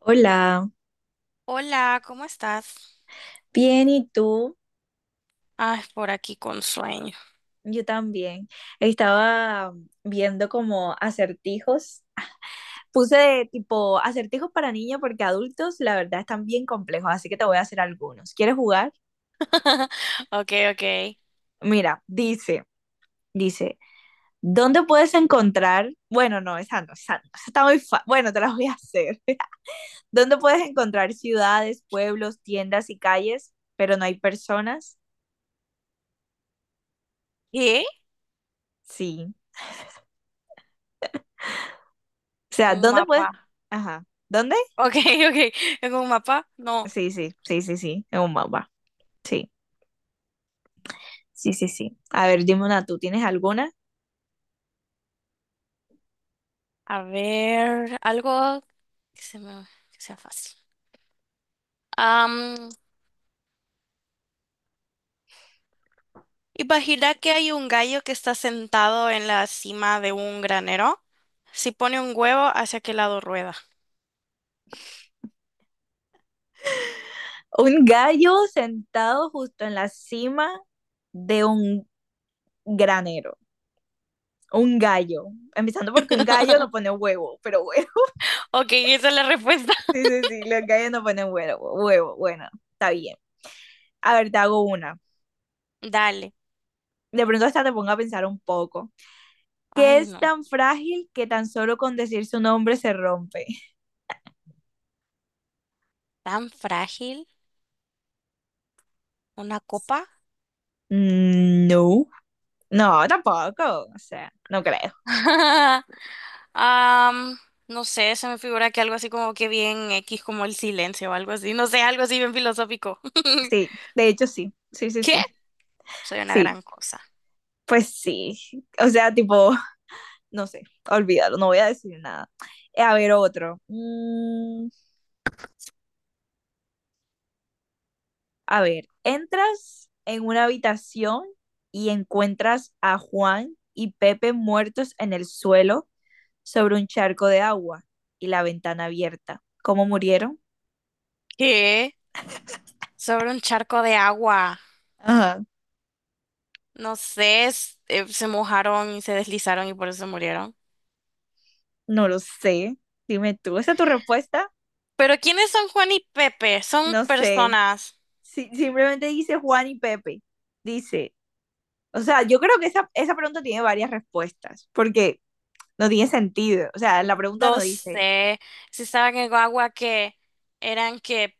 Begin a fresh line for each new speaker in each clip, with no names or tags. Hola,
Hola, ¿cómo estás?
bien, ¿y tú?
Ay, por aquí con sueño.
Yo también. Estaba viendo como acertijos. Puse tipo acertijos para niños porque adultos la verdad están bien complejos, así que te voy a hacer algunos. ¿Quieres jugar?
Ok, ok.
Mira, dice, ¿dónde puedes encontrar? Bueno, no, esa no, esa no, esa está muy fácil. Bueno, te las voy a hacer. ¿Dónde puedes encontrar ciudades, pueblos, tiendas y calles, pero no hay personas?
¿Qué?
Sí. O sea,
Un
¿dónde
mapa.
puedes? Ajá.
Ok, ok. ¿Tengo un mapa? No.
Sí, sí, sí, sí, sí, es un mapa. Sí, sí, sí, sí. A ver, dime una, ¿tú tienes alguna?
A ver, algo que se me, que sea fácil. Am, Imagina que hay un gallo que está sentado en la cima de un granero. Si pone un huevo, ¿hacia qué lado rueda?
Un gallo sentado justo en la cima de un granero. Un gallo. Empezando porque un gallo no pone huevo, pero bueno.
Ok, esa es la respuesta.
Sí, sí, sí, los gallos no ponen huevo. Bueno, está bien. A ver, te hago una.
Dale.
De pronto hasta te pongo a pensar un poco. ¿Qué
Ay,
es
no.
tan frágil que tan solo con decir su nombre se rompe?
¿Tan frágil? ¿Una copa?
Mm, no, no, tampoco. O sea, no creo.
Am, no sé, se me figura que algo así como que bien X, como el silencio o algo así. No sé, algo así bien filosófico.
Sí, de hecho sí, sí, sí,
¿Qué?
sí,
Soy una
sí,
gran cosa.
pues sí, o sea, tipo, no sé, olvídalo, no voy a decir nada. A ver, otro. A ver, entras en una habitación y encuentras a Juan y Pepe muertos en el suelo sobre un charco de agua y la ventana abierta. ¿Cómo murieron?
¿Qué? Sobre un charco de agua.
Ajá.
No sé, se mojaron y se deslizaron y por eso murieron.
No lo sé. Dime tú, ¿esa es tu respuesta?
Pero ¿quiénes son Juan y Pepe? Son
No sé.
personas.
Simplemente dice Juan y Pepe. Dice, o sea, yo creo que esa pregunta tiene varias respuestas, porque no tiene sentido. O sea, la pregunta no
No
dice,
sé. Si estaban en agua que eran que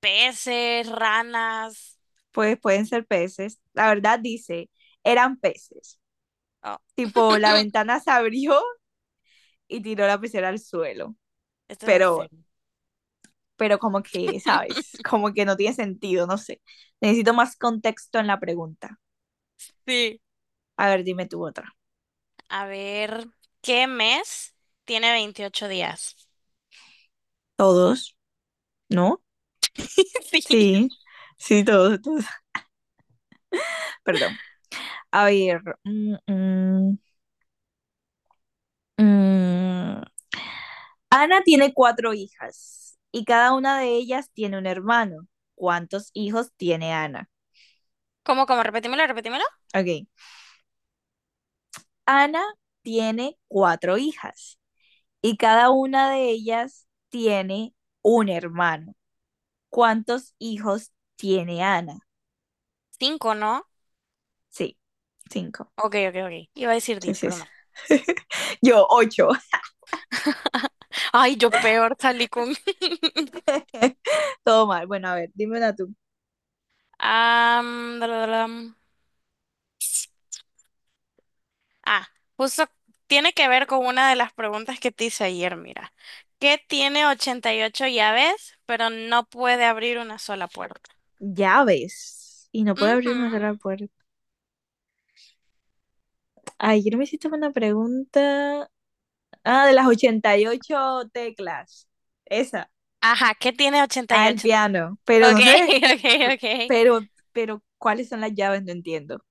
peces, ranas.
pues pueden ser peces. La verdad dice, eran peces.
Oh.
Tipo, la ventana se abrió y tiró la pecera al suelo.
Esto es en
Pero,
serio.
pero como que, ¿sabes? Como que no tiene sentido, no sé. Necesito más contexto en la pregunta.
Sí.
A ver, dime tú otra.
A ver, ¿qué mes tiene 28 días?
Todos, ¿no?
Sí.
Sí, sí, todos, todos. Perdón. A ver. Mm. Ana tiene cuatro hijas y cada una de ellas tiene un hermano. ¿Cuántos hijos tiene Ana?
¿Cómo, cómo? Repetímelo, repetímelo.
Ok. Ana tiene cuatro hijas y cada una de ellas tiene un hermano. ¿Cuántos hijos tiene Ana?
Cinco, ¿no?
Sí, cinco.
Ok, ok, ok. Iba a decir
Sí,
10,
sí,
pero
sí.
no.
Yo, ocho.
Ay, yo peor salí con...
Todo mal. Bueno, a ver, dime una tú.
Am, dalalam. ah, Justo tiene que ver con una de las preguntas que te hice ayer, mira. ¿Qué tiene 88 llaves, pero no puede abrir una sola puerta?
Llaves. Y no puedo abrir una
Ujú.
sola puerta. Ay, yo no me hiciste una pregunta. Ah, de las 88 teclas. Esa.
Ajá, ¿qué tiene ochenta
Ah,
y
el
ocho?
piano. Pero no
Ok,
se ve. p-
ok, ok.
Pero, ¿cuáles son las llaves? No entiendo.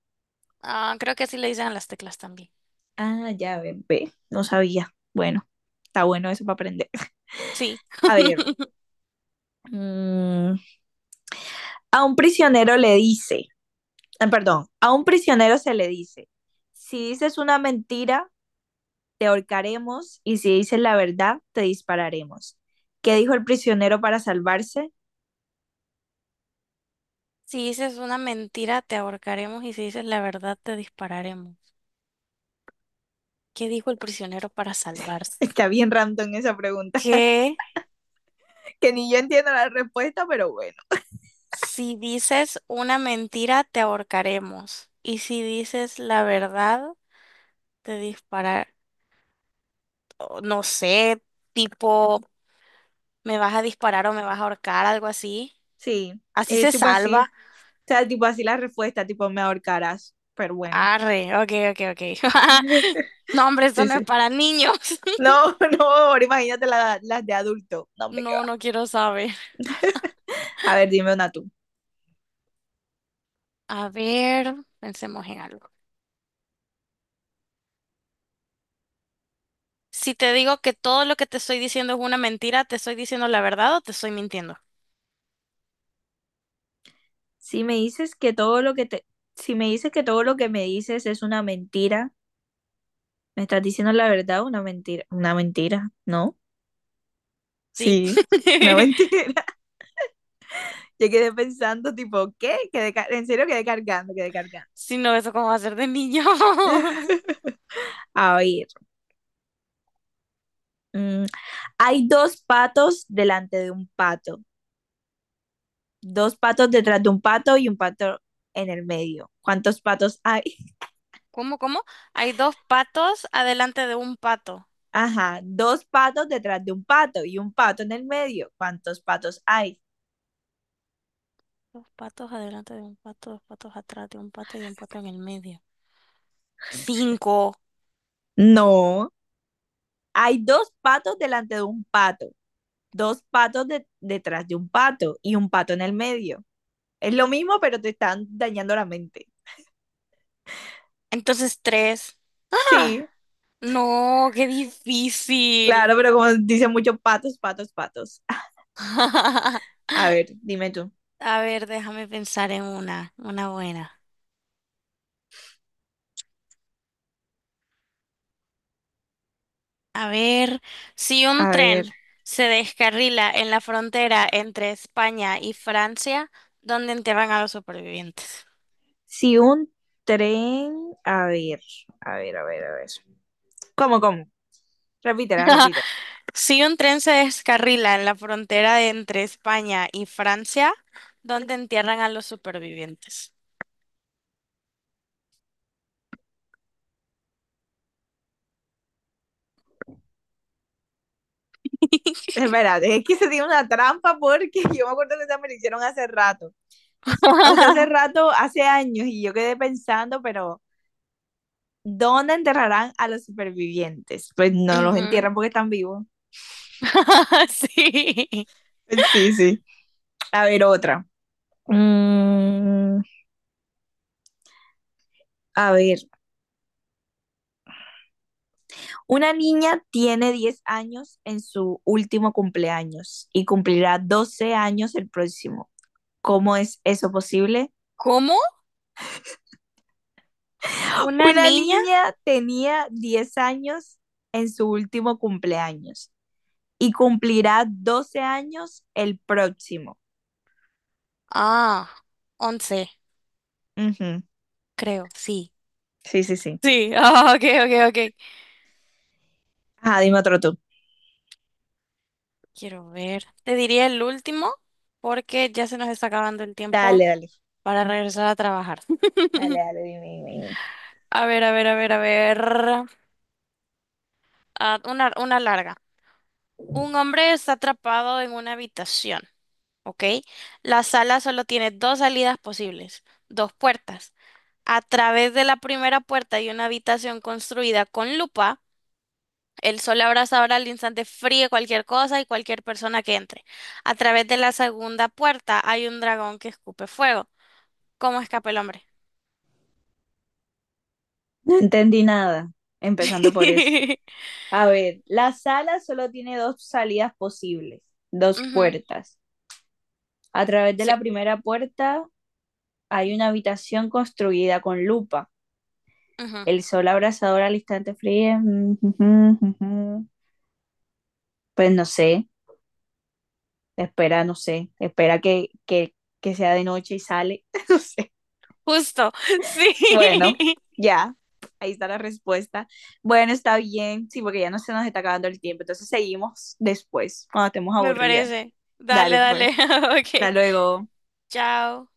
Ah, creo que así le dicen a las teclas también.
Ah, llave. Ve. No sabía. Bueno, está bueno eso para aprender.
Sí.
A ver. mm, a un prisionero le perdón. A un prisionero se le dice. Si dices una mentira, te ahorcaremos. Y si dices la verdad, te dispararemos. ¿Qué dijo el prisionero para salvarse?
Si dices una mentira, te ahorcaremos y si dices la verdad, te dispararemos. ¿Qué dijo el prisionero para salvarse?
Está bien random esa pregunta.
Que
Que ni yo entiendo la respuesta, pero bueno,
si dices una mentira, te ahorcaremos. Y si dices la verdad, te disparar. O No sé, tipo, me vas a disparar o me vas a ahorcar, algo así.
sí,
Así
es
se
tipo así, o
salva.
sea, tipo así la respuesta, tipo me ahorcarás, pero bueno.
Arre, ok, ok, ok. No, hombre, esto
Sí,
no es
sí.
para niños.
No, no, ahora imagínate las de adulto, no, hombre, qué
No,
va.
no quiero saber.
A ver, dime una tú.
A ver, pensemos en algo. Si te digo que todo lo que te estoy diciendo es una mentira, ¿te estoy diciendo la verdad o te estoy mintiendo?
Si me dices que todo lo que te, Si me dices que todo lo que me dices es una mentira, ¿me estás diciendo la verdad o una mentira? Una mentira, ¿no?
Sí.
Sí. Una mentira. Yo quedé pensando, tipo, ¿qué? Quedé en serio quedé cargando, quedé cargando.
Si no, eso cómo va a ser de niño.
A ver, mm, hay dos patos delante de un pato, dos patos detrás de un pato y un pato en el medio. ¿Cuántos patos hay?
¿Cómo, cómo? Hay dos patos adelante de un pato.
Ajá, dos patos detrás de un pato y un pato en el medio. ¿Cuántos patos hay?
Dos patos adelante de un pato, dos patos atrás de un pato y un pato en el medio. Cinco.
No, hay dos patos delante de un pato, dos patos detrás de un pato y un pato en el medio. Es lo mismo, pero te están dañando la mente.
Entonces tres.
Sí,
¡Ah! No, qué difícil.
claro, pero como dicen muchos patos, patos, patos. A ver, dime tú.
A ver, déjame pensar en una buena. A ver, si un
A ver,
tren se descarrila en la frontera entre España y Francia, ¿dónde enterran a los supervivientes?
si un tren, a ver, a ver, a ver, a ver. ¿Cómo, cómo? Repítela, repítela.
Si un tren se descarrila en la frontera de entre España y Francia, ¿dónde entierran a los supervivientes?
Espérate, es que se tiene una trampa porque yo me acuerdo que esa me la hicieron hace rato. O sea, hace rato, hace años, y yo quedé pensando, pero ¿dónde enterrarán a los supervivientes? Pues no los
Ujú.
entierran porque están vivos.
Sí.
Sí, sí. A ver, otra. Mm, a ver, una niña tiene 10 años en su último cumpleaños y cumplirá 12 años el próximo. ¿Cómo es eso posible?
¿Cómo? ¿Una
Una
niña?
niña tenía 10 años en su último cumpleaños y cumplirá 12 años el próximo.
Ah, 11,
Ujú.
creo, sí.
Sí, sí, sí.
Sí, ah, ok, ok, ok.
Ah, dime otro tú.
Quiero ver. Te diría el último porque ya se nos está acabando el
Dale,
tiempo
dale,
para regresar a trabajar.
dale, dale, dime, dime, dime.
A ver, a ver, a ver, a ver. Ah, una larga. Un hombre está atrapado en una habitación, ¿ok? La sala solo tiene dos salidas posibles, dos puertas. A través de la primera puerta hay una habitación construida con lupa. El sol abrasador al instante fríe cualquier cosa y cualquier persona que entre. A través de la segunda puerta hay un dragón que escupe fuego. ¿Cómo escapa el hombre?
No entendí nada, empezando por eso. A ver, la sala solo tiene dos salidas posibles, dos
Ujú,
puertas. A través de
sí,
la primera puerta hay una habitación construida con lupa.
ujú.
El sol abrasador al instante frío. Mm, mm, mm, mm. Pues no sé, espera, no sé, espera que sea de noche y sale. No sé.
Justo,
Bueno,
sí,
ya, ahí está la respuesta. Bueno, está bien, sí, porque ya no se nos está acabando el tiempo. Entonces seguimos después, cuando estemos
me
aburridas.
parece. Dale,
Dale,
dale,
pues. Hasta
ok,
luego.
chao.